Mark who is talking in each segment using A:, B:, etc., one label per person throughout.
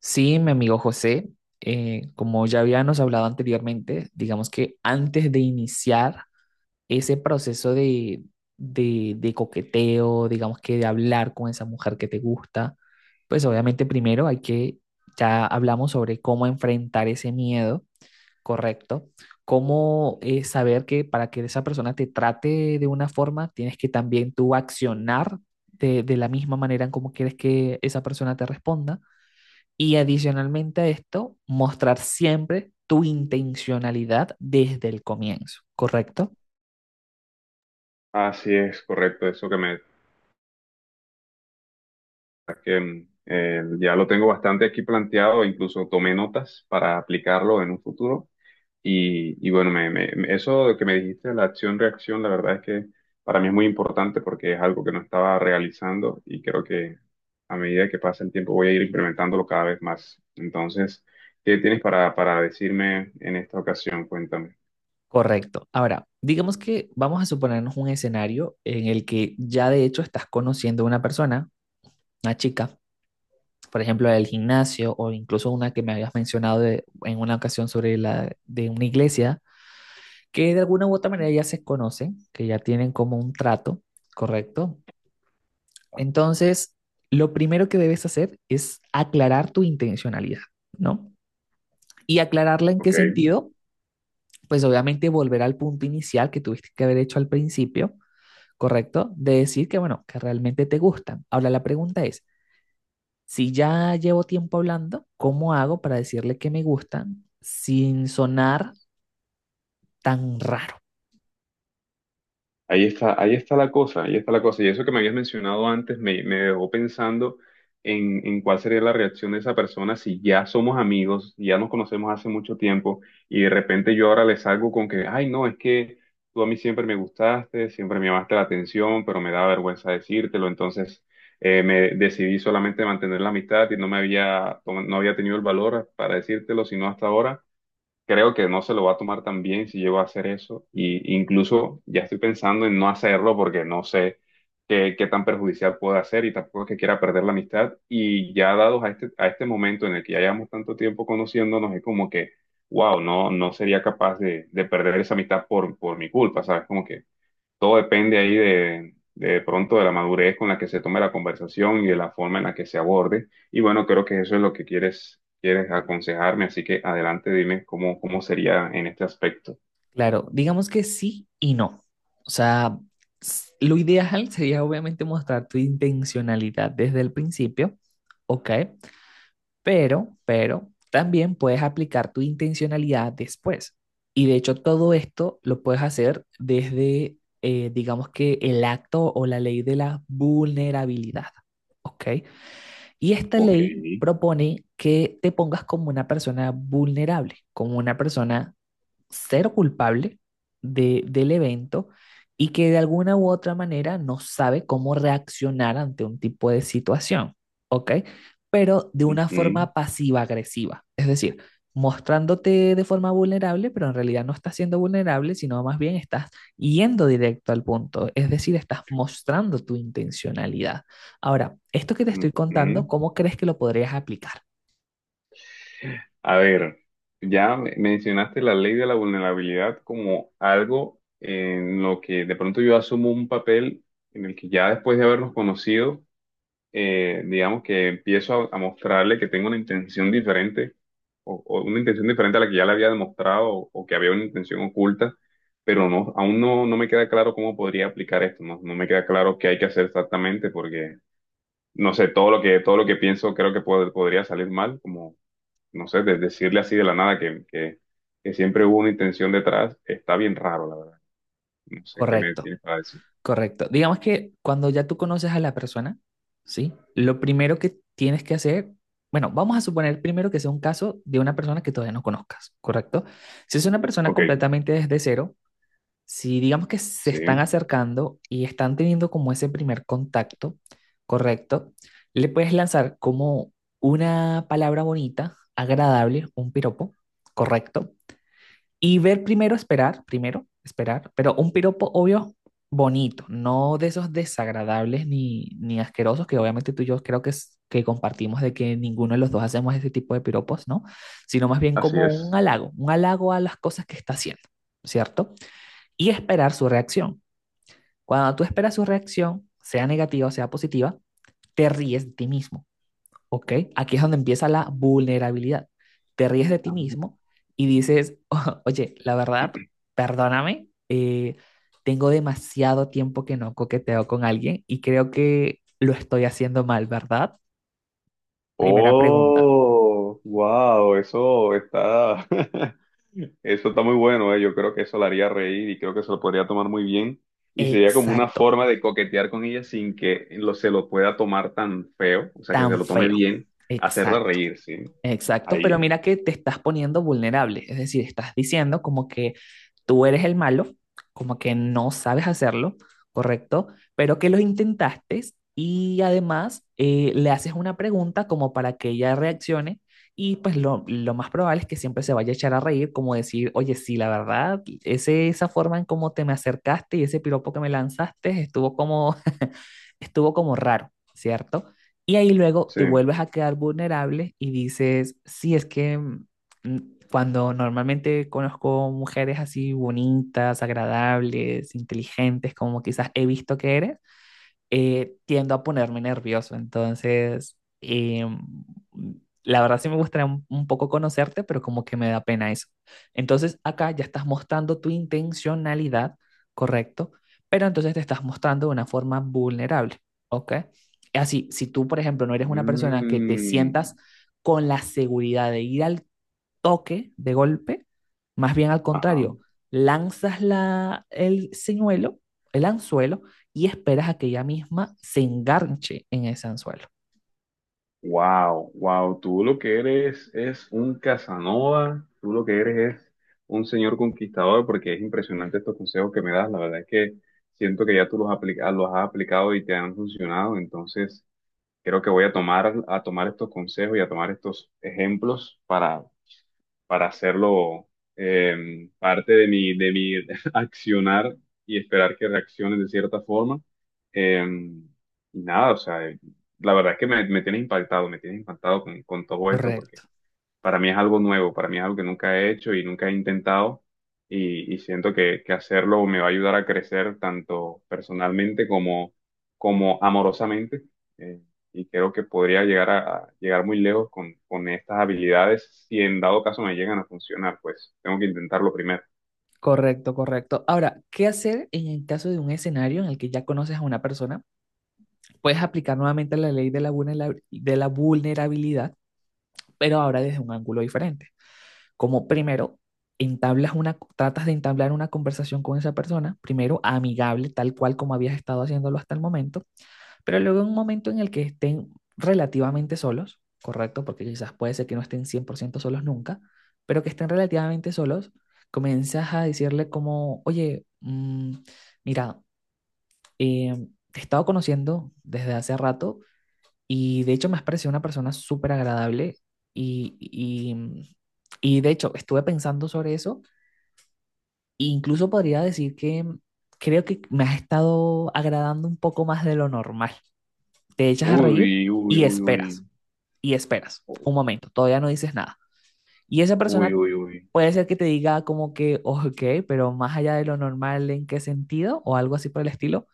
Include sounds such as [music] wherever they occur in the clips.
A: Sí, mi amigo José, como ya habíamos hablado anteriormente, digamos que antes de iniciar ese proceso de coqueteo, digamos que de hablar con esa mujer que te gusta, pues obviamente primero hay que, ya hablamos sobre cómo enfrentar ese miedo, correcto, cómo saber que para que esa persona te trate de una forma, tienes que también tú accionar de la misma manera en cómo quieres que esa persona te responda. Y adicionalmente a esto, mostrar siempre tu intencionalidad desde el comienzo, ¿correcto?
B: Así es, correcto, eso que ya lo tengo bastante aquí planteado, incluso tomé notas para aplicarlo en un futuro. Y bueno, eso que me dijiste, la acción-reacción, la verdad es que para mí es muy importante porque es algo que no estaba realizando y creo que a medida que pasa el tiempo voy a ir implementándolo cada vez más. Entonces, ¿qué tienes para decirme en esta ocasión? Cuéntame.
A: Correcto. Ahora, digamos que vamos a suponernos un escenario en el que ya de hecho estás conociendo a una persona, una chica, por ejemplo, del gimnasio o incluso una que me habías mencionado en una ocasión sobre la de una iglesia, que de alguna u otra manera ya se conocen, que ya tienen como un trato, ¿correcto? Entonces, lo primero que debes hacer es aclarar tu intencionalidad, ¿no? Y aclararla en qué
B: Ok.
A: sentido, pues obviamente volver al punto inicial que tuviste que haber hecho al principio, ¿correcto? De decir que, bueno, que realmente te gustan. Ahora la pregunta es, si ya llevo tiempo hablando, ¿cómo hago para decirle que me gustan sin sonar tan raro?
B: Ahí está la cosa, ahí está la cosa. Y eso que me habías mencionado antes me dejó pensando en cuál sería la reacción de esa persona si ya somos amigos, si ya nos conocemos hace mucho tiempo y de repente yo ahora le salgo con que, ay, no, es que tú a mí siempre me gustaste, siempre me llamaste la atención, pero me da vergüenza decírtelo. Entonces me decidí solamente mantener la amistad y no había tenido el valor para decírtelo, sino hasta ahora. Creo que no se lo va a tomar tan bien si llego a hacer eso. Y incluso ya estoy pensando en no hacerlo porque no sé qué tan perjudicial puede ser, y tampoco es que quiera perder la amistad. Y ya dados a este momento en el que ya llevamos tanto tiempo conociéndonos, es como que, wow, no, no sería capaz de perder esa amistad por mi culpa, ¿sabes? Como que todo depende ahí de pronto de la madurez con la que se tome la conversación y de la forma en la que se aborde. Y bueno, creo que eso es lo que quieres, quieres aconsejarme, así que adelante, dime cómo sería en este aspecto.
A: Claro, digamos que sí y no. O sea, lo ideal sería obviamente mostrar tu intencionalidad desde el principio, ¿ok? Pero también puedes aplicar tu intencionalidad después. Y de hecho todo esto lo puedes hacer desde, digamos que el acto o la ley de la vulnerabilidad, ¿ok? Y esta
B: Ok.
A: ley propone que te pongas como una persona vulnerable, como una persona ser culpable del evento y que de alguna u otra manera no sabe cómo reaccionar ante un tipo de situación, ¿ok? Pero de una
B: Ujú,
A: forma pasiva-agresiva, es decir, mostrándote de forma vulnerable, pero en realidad no estás siendo vulnerable, sino más bien estás yendo directo al punto, es decir, estás mostrando tu intencionalidad. Ahora, esto que te estoy contando,
B: ujú.
A: ¿cómo crees que lo podrías aplicar?
B: A ver, mencionaste la ley de la vulnerabilidad como algo en lo que de pronto yo asumo un papel en el que ya después de habernos conocido, digamos que empiezo a mostrarle que tengo una intención diferente o una intención diferente a la que ya le había demostrado o que había una intención oculta, pero no, aún no, no me queda claro cómo podría aplicar esto, no, no me queda claro qué hay que hacer exactamente porque, no sé, todo lo que pienso creo que podría salir mal, como, no sé, de decirle así de la nada que que siempre hubo una intención detrás, está bien raro, la verdad. No sé qué me
A: Correcto.
B: tienes para decir.
A: Correcto. Digamos que cuando ya tú conoces a la persona, ¿sí? Lo primero que tienes que hacer, bueno, vamos a suponer primero que sea un caso de una persona que todavía no conozcas, ¿correcto? Si es una persona
B: Ok,
A: completamente desde cero, si digamos que se están
B: sí,
A: acercando y están teniendo como ese primer contacto, ¿correcto? Le puedes lanzar como una palabra bonita, agradable, un piropo, ¿correcto? Y ver primero, esperar, pero un piropo obvio bonito, no de esos desagradables ni asquerosos que obviamente tú y yo creo que, que compartimos de que ninguno de los dos hacemos ese tipo de piropos, ¿no? Sino más bien
B: así
A: como
B: es.
A: un halago a las cosas que está haciendo, ¿cierto? Y esperar su reacción. Cuando tú esperas su reacción, sea negativa o sea positiva, te ríes de ti mismo. Ok, aquí es donde empieza la vulnerabilidad. Te ríes de ti mismo y dices, [laughs] Oye, la verdad, perdóname, tengo demasiado tiempo que no coqueteo con alguien y creo que lo estoy haciendo mal, ¿verdad? Primera pregunta.
B: Oh, wow, eso está, [laughs] eso está muy bueno, eh. Yo creo que eso la haría reír y creo que se lo podría tomar muy bien. Y sería como una
A: Exacto,
B: forma de coquetear con ella sin que se lo pueda tomar tan feo, o sea, que se
A: tan
B: lo tome
A: feo.
B: bien, hacerla
A: Exacto.
B: reír, sí.
A: Exacto, pero
B: Ahí,
A: mira que te estás poniendo vulnerable, es decir, estás diciendo como que tú eres el malo, como que no sabes hacerlo, ¿correcto? Pero que lo intentaste y además le haces una pregunta como para que ella reaccione y pues lo más probable es que siempre se vaya a echar a reír, como decir, oye, sí, la verdad, esa forma en cómo te me acercaste y ese piropo que me lanzaste estuvo como, [laughs] estuvo como raro, ¿cierto? Y ahí luego
B: sí.
A: te vuelves a quedar vulnerable y dices, sí, es que cuando normalmente conozco mujeres así bonitas, agradables, inteligentes, como quizás he visto que eres, tiendo a ponerme nervioso. Entonces, la verdad sí me gustaría un poco conocerte, pero como que me da pena eso. Entonces, acá ya estás mostrando tu intencionalidad, ¿correcto? Pero entonces te estás mostrando de una forma vulnerable, ¿ok? Así, si tú, por ejemplo, no eres una persona que te
B: Mm,
A: sientas con la seguridad de ir al toque de golpe, más bien al
B: ajá.
A: contrario, lanzas el señuelo, el anzuelo, y esperas a que ella misma se enganche en ese anzuelo.
B: Wow, wow, tú lo que eres es un Casanova, tú lo que eres es un señor conquistador, porque es impresionante estos consejos que me das. La verdad es que siento que ya tú los has aplicado y te han funcionado. Entonces, creo que voy a tomar estos consejos y a tomar estos ejemplos para hacerlo parte de mi [laughs] accionar y esperar que reaccionen de cierta forma. Eh, y nada, o sea, la verdad es que me tienes impactado con todo esto, porque
A: Correcto.
B: para mí es algo nuevo, para mí es algo que nunca he hecho y nunca he intentado y siento que hacerlo me va a ayudar a crecer tanto personalmente como, como amorosamente. Eh, y creo que podría llegar a llegar muy lejos con estas habilidades si en dado caso me llegan a funcionar, pues tengo que intentarlo primero.
A: Correcto, correcto. Ahora, ¿qué hacer en el caso de un escenario en el que ya conoces a una persona? Puedes aplicar nuevamente la ley de de la vulnerabilidad, pero ahora desde un ángulo diferente. Como primero, entablas una, tratas de entablar una conversación con esa persona, primero amigable, tal cual como habías estado haciéndolo hasta el momento. Pero luego en un momento en el que estén relativamente solos, ¿correcto? Porque quizás puede ser que no estén 100% solos nunca, pero que estén relativamente solos, comienzas a decirle como, oye, mira, eh, te he estado conociendo desde hace rato y de hecho me has parecido una persona súper agradable y y de hecho estuve pensando sobre eso e incluso podría decir que creo que me has estado agradando un poco más de lo normal, te echas a reír
B: Uy, uy,
A: y
B: uy, uy,
A: esperas, y esperas un momento, todavía no dices nada. Y esa persona
B: uy, uy, uy,
A: puede ser que te diga como que, ok, pero más allá de lo normal, ¿en qué sentido? O algo así por el estilo.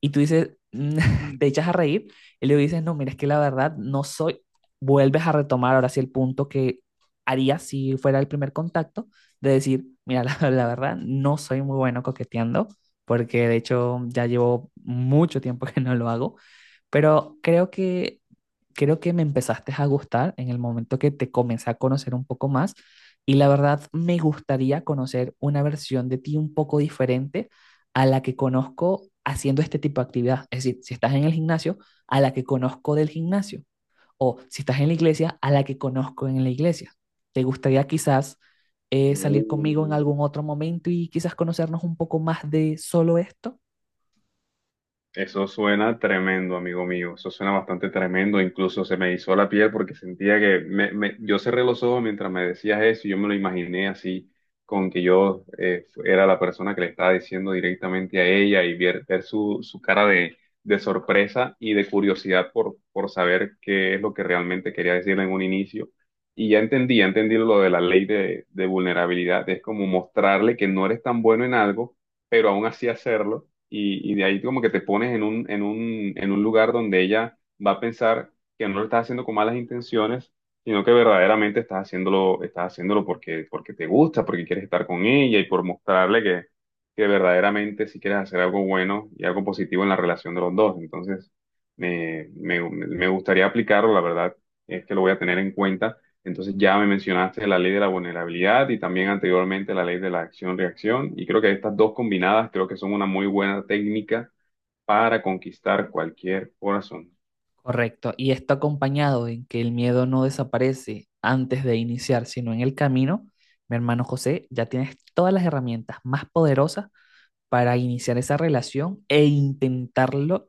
A: Y tú dices, [laughs] te echas a reír y le dices, no, mira, es que la verdad no soy, vuelves a retomar ahora sí el punto que haría si fuera el primer contacto, de decir, mira, [laughs] la verdad no soy muy bueno coqueteando, porque de hecho ya llevo mucho tiempo que no lo hago, pero creo que me empezaste a gustar en el momento que te comencé a conocer un poco más y la verdad me gustaría conocer una versión de ti un poco diferente a la que conozco haciendo este tipo de actividad. Es decir, si estás en el gimnasio, a la que conozco del gimnasio o si estás en la iglesia, a la que conozco en la iglesia. ¿Te gustaría quizás salir conmigo en
B: uy.
A: algún otro momento y quizás conocernos un poco más de solo esto?
B: Eso suena tremendo, amigo mío. Eso suena bastante tremendo. Incluso se me hizo la piel porque sentía que yo cerré los ojos mientras me decías eso y yo me lo imaginé así, con que yo era la persona que le estaba diciendo directamente a ella y ver, ver su cara de sorpresa y de curiosidad por saber qué es lo que realmente quería decirle en un inicio. Y ya entendí lo de la ley de vulnerabilidad. Es como mostrarle que no eres tan bueno en algo, pero aún así hacerlo y de ahí como que te pones en un, en un lugar donde ella va a pensar que no lo estás haciendo con malas intenciones, sino que verdaderamente estás haciéndolo porque, porque te gusta, porque quieres estar con ella y por mostrarle que verdaderamente si quieres hacer algo bueno y algo positivo en la relación de los dos. Entonces, me gustaría aplicarlo, la verdad, es que lo voy a tener en cuenta. Entonces ya me mencionaste la ley de la vulnerabilidad y también anteriormente la ley de la acción-reacción, y creo que estas dos combinadas creo que son una muy buena técnica para conquistar cualquier corazón.
A: Correcto. Y está acompañado en que el miedo no desaparece antes de iniciar, sino en el camino. Mi hermano José, ya tienes todas las herramientas más poderosas para iniciar esa relación e intentarlo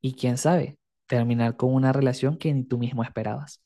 A: y quién sabe, terminar con una relación que ni tú mismo esperabas.